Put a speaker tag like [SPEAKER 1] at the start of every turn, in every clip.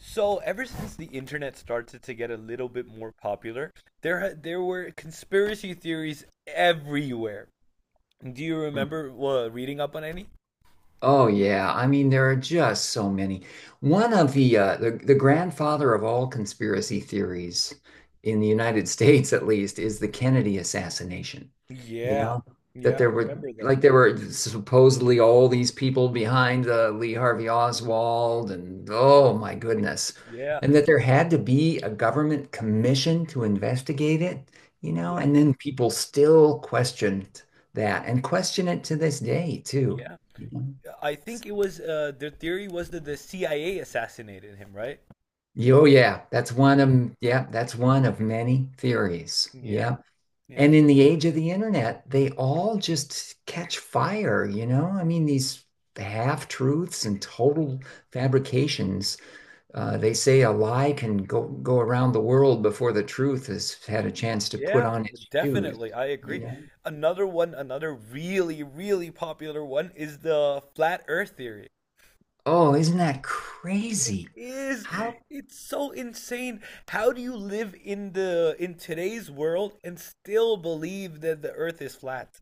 [SPEAKER 1] So ever since the internet started to get a little bit more popular, there were conspiracy theories everywhere. Do you
[SPEAKER 2] Hmm.
[SPEAKER 1] remember reading up on any?
[SPEAKER 2] Oh yeah, I mean there are just so many. One of the grandfather of all conspiracy theories in the United States, at least, is the Kennedy assassination. You
[SPEAKER 1] Yeah,
[SPEAKER 2] know,
[SPEAKER 1] yeah,
[SPEAKER 2] that
[SPEAKER 1] I
[SPEAKER 2] there were
[SPEAKER 1] remember that.
[SPEAKER 2] like there were supposedly all these people behind Lee Harvey Oswald, and oh my goodness,
[SPEAKER 1] Yeah,
[SPEAKER 2] and that there had to be a government commission to investigate it. You know,
[SPEAKER 1] yeah,
[SPEAKER 2] and then people still questioned that and question it to this day too.
[SPEAKER 1] yeah. I think it was their theory was that the CIA assassinated him, right?
[SPEAKER 2] Oh yeah, that's one
[SPEAKER 1] Yeah,
[SPEAKER 2] of yeah, that's one of many theories.
[SPEAKER 1] yeah,
[SPEAKER 2] Yeah.
[SPEAKER 1] yeah,
[SPEAKER 2] And in the age of the internet, they all just catch fire, you know? I mean, these half-truths and total fabrications. They say a lie can go around the world before the truth has had a chance to put
[SPEAKER 1] yeah,
[SPEAKER 2] on its shoes,
[SPEAKER 1] definitely. I
[SPEAKER 2] you
[SPEAKER 1] agree.
[SPEAKER 2] know?
[SPEAKER 1] Another one, another really, really popular one is the flat Earth theory.
[SPEAKER 2] Oh, isn't that crazy?
[SPEAKER 1] It
[SPEAKER 2] Yeah.
[SPEAKER 1] is.
[SPEAKER 2] How
[SPEAKER 1] It's so insane. How do you live in the in today's world and still believe that the earth is flat?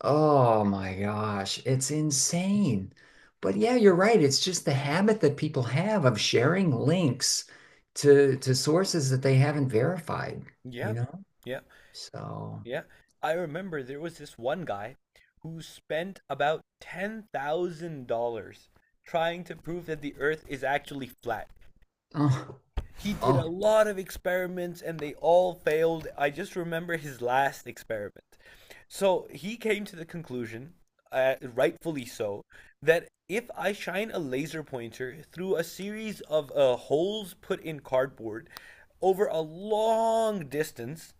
[SPEAKER 2] oh my gosh, it's insane. But yeah, you're right. It's just the habit that people have of sharing links to sources that they haven't verified,
[SPEAKER 1] Yeah.
[SPEAKER 2] you know?
[SPEAKER 1] Yeah.
[SPEAKER 2] So,
[SPEAKER 1] Yeah. I remember there was this one guy who spent about $10,000 trying to prove that the earth is actually flat.
[SPEAKER 2] oh,
[SPEAKER 1] He did a
[SPEAKER 2] oh.
[SPEAKER 1] lot of experiments and they all failed. I just remember his last experiment. So he came to the conclusion, rightfully so, that if I shine a laser pointer through a series of holes put in cardboard over a long distance,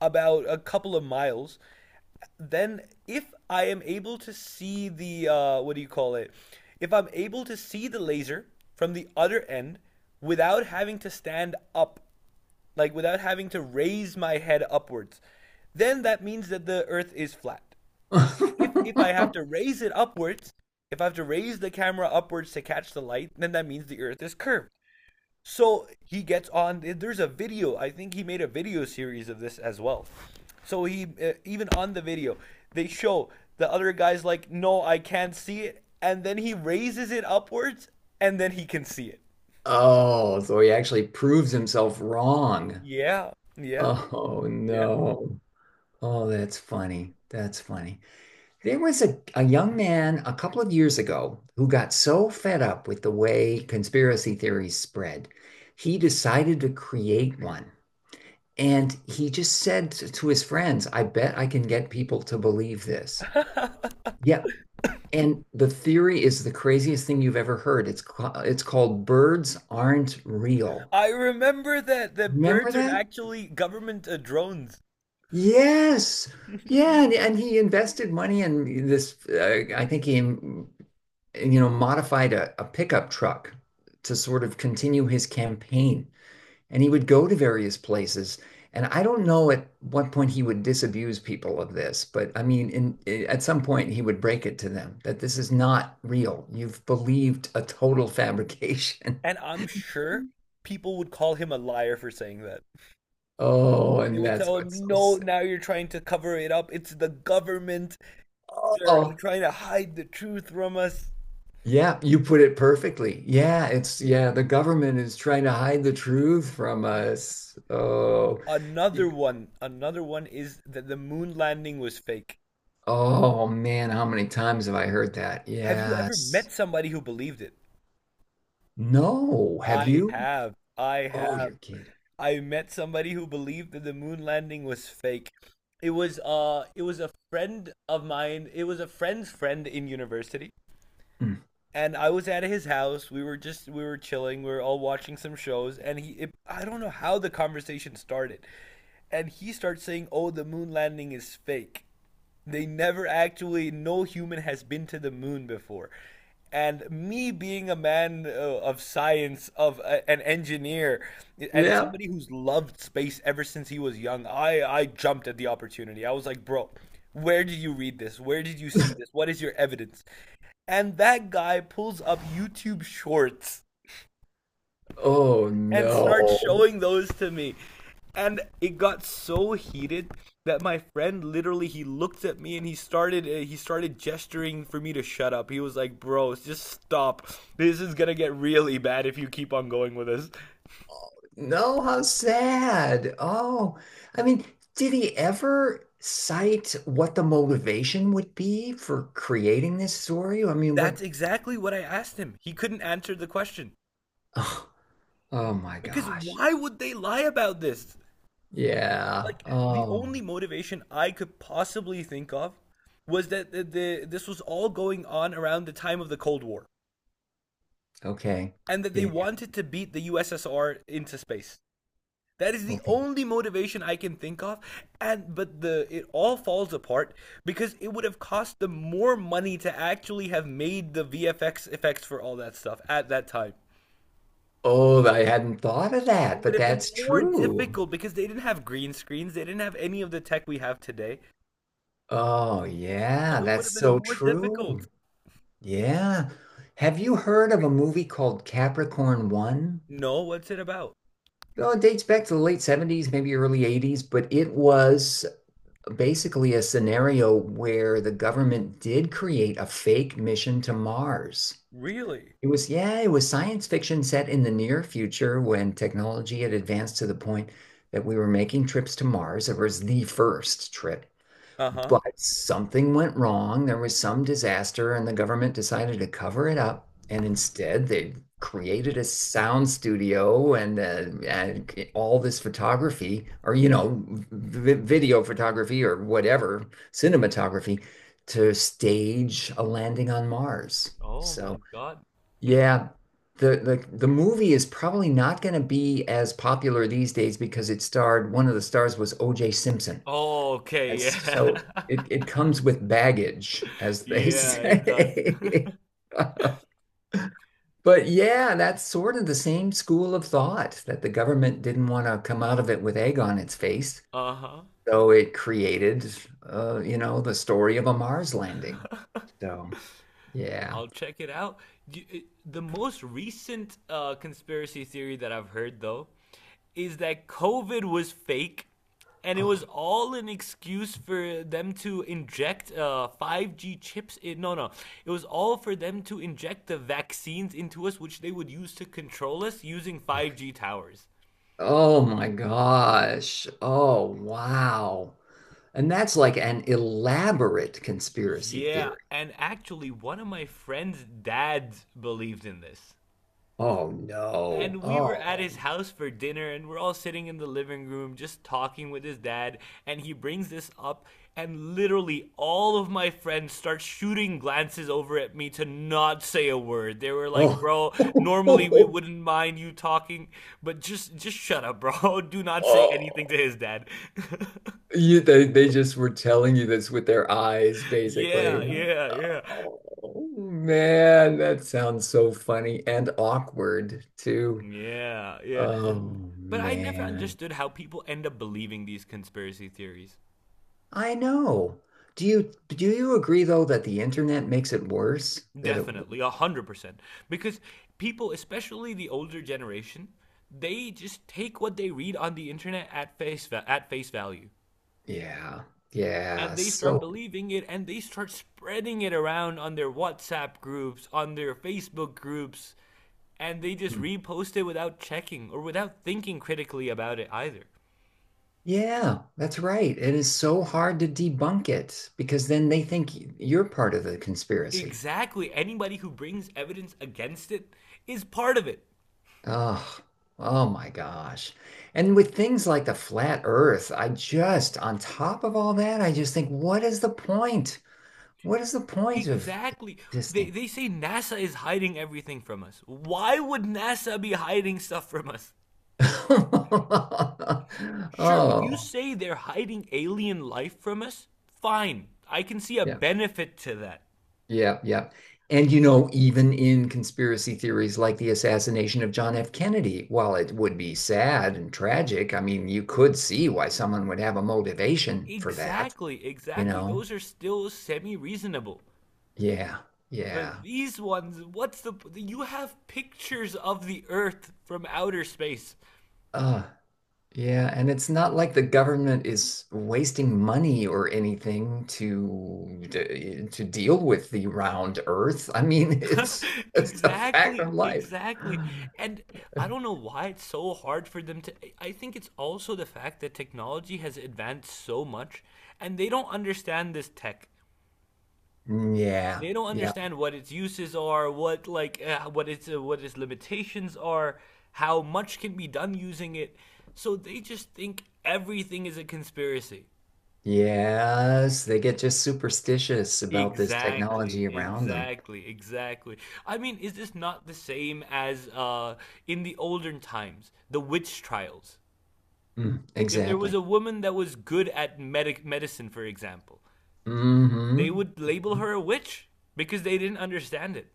[SPEAKER 1] about a couple of miles, then if I am able to see the what do you call it? If I'm able to see the laser from the other end without having to stand up, like without having to raise my head upwards, then that means that the Earth is flat. If I have to raise it upwards, if I have to raise the camera upwards to catch the light, then that means the Earth is curved. So he gets on. There's a video. I think he made a video series of this as well. So he even on the video, they show the other guy's like, "No, I can't see it," and then he raises it upwards, and then he can see it.
[SPEAKER 2] Oh, so he actually proves himself wrong.
[SPEAKER 1] Yeah, yeah,
[SPEAKER 2] Oh
[SPEAKER 1] yeah.
[SPEAKER 2] no. Oh, that's funny. That's funny. There was a young man a couple of years ago who got so fed up with the way conspiracy theories spread, he decided to create one. And he just said to his friends, I bet I can get people to believe this. Yeah. And the theory is the craziest thing you've ever heard. It's called birds aren't real.
[SPEAKER 1] I remember that the
[SPEAKER 2] Remember
[SPEAKER 1] birds are
[SPEAKER 2] that?
[SPEAKER 1] actually government drones,
[SPEAKER 2] Yes. Yeah, and he invested money in this. I think he, you know, modified a pickup truck to sort of continue his campaign. And he would go to various places. And I don't know at what point he would disabuse people of this, but I mean, at some point he would break it to them that this is not real. You've believed a total fabrication.
[SPEAKER 1] and I'm sure people would call him a liar for saying that.
[SPEAKER 2] Oh,
[SPEAKER 1] They
[SPEAKER 2] and
[SPEAKER 1] would
[SPEAKER 2] that's
[SPEAKER 1] tell
[SPEAKER 2] what's
[SPEAKER 1] him,
[SPEAKER 2] so
[SPEAKER 1] "No,
[SPEAKER 2] sick.
[SPEAKER 1] now you're trying to cover it up. It's the government. They're
[SPEAKER 2] Oh,
[SPEAKER 1] trying to hide the truth from us."
[SPEAKER 2] yeah, you put it perfectly. Yeah, it's yeah, the government is trying to hide the truth from us. Oh,
[SPEAKER 1] Another one is that the moon landing was fake.
[SPEAKER 2] oh man, how many times have I heard that?
[SPEAKER 1] Have you ever
[SPEAKER 2] Yes.
[SPEAKER 1] met somebody who believed it?
[SPEAKER 2] No, have
[SPEAKER 1] I
[SPEAKER 2] you?
[SPEAKER 1] have. I
[SPEAKER 2] Oh,
[SPEAKER 1] have.
[SPEAKER 2] you're kidding.
[SPEAKER 1] I met somebody who believed that the moon landing was fake. It was it was a friend of mine. It was a friend's friend in university.
[SPEAKER 2] Mm.
[SPEAKER 1] And I was at his house. We were chilling. We were all watching some shows, and I don't know how the conversation started, and he starts saying, "Oh, the moon landing is fake." They never actually, no human has been to the moon before. And me being a man of science, of an engineer, and
[SPEAKER 2] Yeah.
[SPEAKER 1] somebody who's loved space ever since he was young, I jumped at the opportunity. I was like, bro, where did you read this? Where did you see this? What is your evidence? And that guy pulls up YouTube shorts
[SPEAKER 2] Oh
[SPEAKER 1] and start
[SPEAKER 2] no.
[SPEAKER 1] showing those to me. And it got so heated that my friend literally he looked at me and he started gesturing for me to shut up. He was like, "Bro, just stop. This is going to get really bad if you keep on going with this."
[SPEAKER 2] No, how sad. Oh, I mean, did he ever cite what the motivation would be for creating this story? I mean,
[SPEAKER 1] That's
[SPEAKER 2] what?
[SPEAKER 1] exactly what I asked him. He couldn't answer the question.
[SPEAKER 2] Oh, oh my
[SPEAKER 1] Because
[SPEAKER 2] gosh.
[SPEAKER 1] why would they lie about this?
[SPEAKER 2] Yeah.
[SPEAKER 1] Like the
[SPEAKER 2] Oh,
[SPEAKER 1] only motivation I could possibly think of was that the this was all going on around the time of the Cold War.
[SPEAKER 2] okay.
[SPEAKER 1] And that they
[SPEAKER 2] Yeah.
[SPEAKER 1] wanted to beat the USSR into space. That is the
[SPEAKER 2] Okay.
[SPEAKER 1] only motivation I can think of, and but the it all falls apart because it would have cost them more money to actually have made the VFX effects for all that stuff at that time.
[SPEAKER 2] Oh, I hadn't thought of
[SPEAKER 1] It
[SPEAKER 2] that,
[SPEAKER 1] would
[SPEAKER 2] but
[SPEAKER 1] have been
[SPEAKER 2] that's
[SPEAKER 1] more
[SPEAKER 2] true.
[SPEAKER 1] difficult because they didn't have green screens, they didn't have any of the tech we have today.
[SPEAKER 2] Oh, yeah,
[SPEAKER 1] So it would
[SPEAKER 2] that's
[SPEAKER 1] have been
[SPEAKER 2] so
[SPEAKER 1] more difficult.
[SPEAKER 2] true. Yeah. Have you heard of a movie called Capricorn One?
[SPEAKER 1] No, what's it about?
[SPEAKER 2] Oh, it dates back to the late '70s, maybe early '80s, but it was basically a scenario where the government did create a fake mission to Mars.
[SPEAKER 1] Really?
[SPEAKER 2] It was, yeah, it was science fiction set in the near future when technology had advanced to the point that we were making trips to Mars. It was the first trip.
[SPEAKER 1] Uh huh.
[SPEAKER 2] But something went wrong. There was some disaster, and the government decided to cover it up. And instead, they created a sound studio and all this photography, or, you know, v video photography or whatever, cinematography to stage a landing on Mars.
[SPEAKER 1] Oh
[SPEAKER 2] So,
[SPEAKER 1] my god.
[SPEAKER 2] yeah. The movie is probably not going to be as popular these days because it starred one of the stars was O.J. Simpson.
[SPEAKER 1] Oh, okay,
[SPEAKER 2] It's
[SPEAKER 1] yeah.
[SPEAKER 2] so it comes with baggage, as they
[SPEAKER 1] yeah, it does.
[SPEAKER 2] say. But yeah, that's sort of the same school of thought that the government didn't want to come out of it with egg on its face.
[SPEAKER 1] Uh-huh.
[SPEAKER 2] So it created, you know, the story of a Mars landing. So yeah.
[SPEAKER 1] I'll check it out. You- it- The most recent conspiracy theory that I've heard, though, is that COVID was fake and it
[SPEAKER 2] Oh,
[SPEAKER 1] was all an excuse for them to inject 5G chips in. No, no. It was all for them to inject the vaccines into us, which they would use to control us using 5G towers.
[SPEAKER 2] oh my gosh. Oh, wow. And that's like an elaborate conspiracy
[SPEAKER 1] Yeah,
[SPEAKER 2] theory.
[SPEAKER 1] and actually, one of my friend's dads believed in this.
[SPEAKER 2] Oh no.
[SPEAKER 1] And we were at
[SPEAKER 2] Oh
[SPEAKER 1] his house for dinner and we're all sitting in the living room just talking with his dad and he brings this up and literally all of my friends start shooting glances over at me to not say a word. They were like,
[SPEAKER 2] oh.
[SPEAKER 1] bro, normally we wouldn't mind you talking, but just shut up, bro. do not say anything to
[SPEAKER 2] Oh.
[SPEAKER 1] his dad.
[SPEAKER 2] You, they just were telling you this with their eyes,
[SPEAKER 1] yeah,
[SPEAKER 2] basically.
[SPEAKER 1] yeah, yeah,
[SPEAKER 2] Oh, man, that sounds so funny and awkward too.
[SPEAKER 1] yeah, yeah.
[SPEAKER 2] Oh,
[SPEAKER 1] But I never
[SPEAKER 2] man.
[SPEAKER 1] understood how people end up believing these conspiracy theories.
[SPEAKER 2] I know. Do you agree though that the internet makes it worse? That it,
[SPEAKER 1] Definitely, 100%. Because people, especially the older generation, they just take what they read on the internet at at face value,
[SPEAKER 2] yeah, yeah.
[SPEAKER 1] and they start
[SPEAKER 2] So,
[SPEAKER 1] believing it, and they start spreading it around on their WhatsApp groups, on their Facebook groups, and they just
[SPEAKER 2] hmm,
[SPEAKER 1] repost it without checking or without thinking critically about it either.
[SPEAKER 2] yeah, that's right. It is so hard to debunk it because then they think you're part of the conspiracy.
[SPEAKER 1] Exactly, anybody who brings evidence against it is part of it.
[SPEAKER 2] Oh, oh my gosh. And with things like the flat earth, I just, on top of all that, I just think, what is the point? What is the point of
[SPEAKER 1] Exactly. They
[SPEAKER 2] existing?
[SPEAKER 1] they say NASA is hiding everything from us. Why would NASA be hiding stuff from us? Sure, if you
[SPEAKER 2] Oh,
[SPEAKER 1] say they're hiding alien life from us, fine. I can see a
[SPEAKER 2] yeah,
[SPEAKER 1] benefit to that.
[SPEAKER 2] yeah, yeah. And you know, even in conspiracy theories like the assassination of John F. Kennedy, while it would be sad and tragic, I mean, you could see why someone would have a motivation for that,
[SPEAKER 1] Exactly,
[SPEAKER 2] you
[SPEAKER 1] exactly.
[SPEAKER 2] know?
[SPEAKER 1] Those are still semi-reasonable.
[SPEAKER 2] Yeah,
[SPEAKER 1] But
[SPEAKER 2] yeah.
[SPEAKER 1] these ones, what's the you have pictures of the Earth from outer space.
[SPEAKER 2] Yeah, and it's not like the government is wasting money or anything to deal with the round Earth. I mean, it's a fact
[SPEAKER 1] Exactly,
[SPEAKER 2] of life.
[SPEAKER 1] exactly. And I don't know why it's so hard for them to. I think it's also the fact that technology has advanced so much and they don't understand this tech.
[SPEAKER 2] Mm, yeah,
[SPEAKER 1] They don't
[SPEAKER 2] yeah,
[SPEAKER 1] understand what its uses are, what like what its limitations are, how much can be done using it. So they just think everything is a conspiracy.
[SPEAKER 2] yes, they get just superstitious about this
[SPEAKER 1] Exactly,
[SPEAKER 2] technology around them.
[SPEAKER 1] exactly, exactly. I mean, is this not the same as in the olden times, the witch trials?
[SPEAKER 2] Mm,
[SPEAKER 1] If there was
[SPEAKER 2] exactly.
[SPEAKER 1] a woman that was good at medicine, for example, they
[SPEAKER 2] Hmm.
[SPEAKER 1] would label her a witch because they didn't understand it.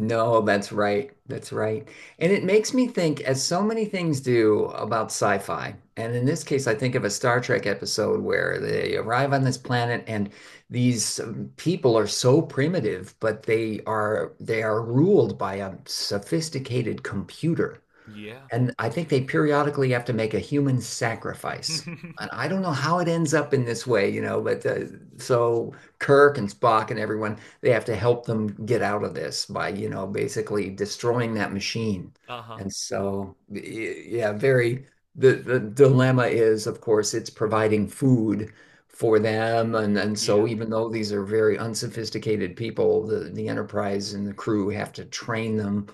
[SPEAKER 2] No, that's right. That's right. And it makes me think, as so many things do, about sci-fi. And in this case, I think of a Star Trek episode where they arrive on this planet and these people are so primitive, but they are ruled by a sophisticated computer.
[SPEAKER 1] Yeah.
[SPEAKER 2] And I think they periodically have to make a human sacrifice. And I don't know how it ends up in this way, you know, but so Kirk and Spock and everyone, they have to help them get out of this by, you know, basically destroying that machine.
[SPEAKER 1] Uh-huh.
[SPEAKER 2] And so, y- yeah, very, the dilemma is, of course, it's providing food for them. And so,
[SPEAKER 1] Yeah.
[SPEAKER 2] even though these are very unsophisticated people, the Enterprise and the crew have to train them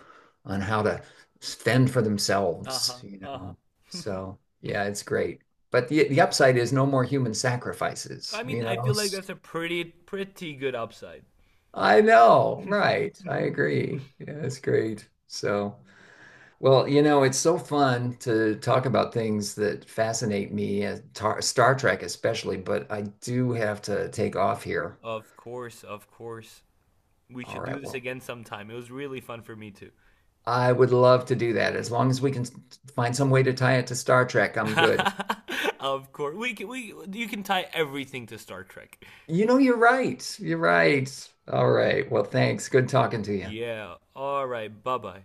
[SPEAKER 2] on how to fend for themselves,
[SPEAKER 1] Uh-huh.
[SPEAKER 2] you
[SPEAKER 1] Uh-huh.
[SPEAKER 2] know. So yeah, it's great. But the upside is no more human
[SPEAKER 1] I
[SPEAKER 2] sacrifices,
[SPEAKER 1] mean,
[SPEAKER 2] you
[SPEAKER 1] I
[SPEAKER 2] know.
[SPEAKER 1] feel like that's a pretty, pretty good upside.
[SPEAKER 2] I know, right. I agree. Yeah, it's great. So, well, you know, it's so fun to talk about things that fascinate me, tar Star Trek especially, but I do have to take off here.
[SPEAKER 1] Of course, of course. We
[SPEAKER 2] All
[SPEAKER 1] should do
[SPEAKER 2] right,
[SPEAKER 1] this
[SPEAKER 2] well,
[SPEAKER 1] again sometime. It was really fun for me too.
[SPEAKER 2] I would love to do that. As long as we can s- find some way to tie it to Star Trek, I'm good.
[SPEAKER 1] of course, we can, we you can tie everything to Star Trek.
[SPEAKER 2] You know, you're right. You're right. All right. Well, thanks. Good talking to you.
[SPEAKER 1] Yeah. All right. Bye bye.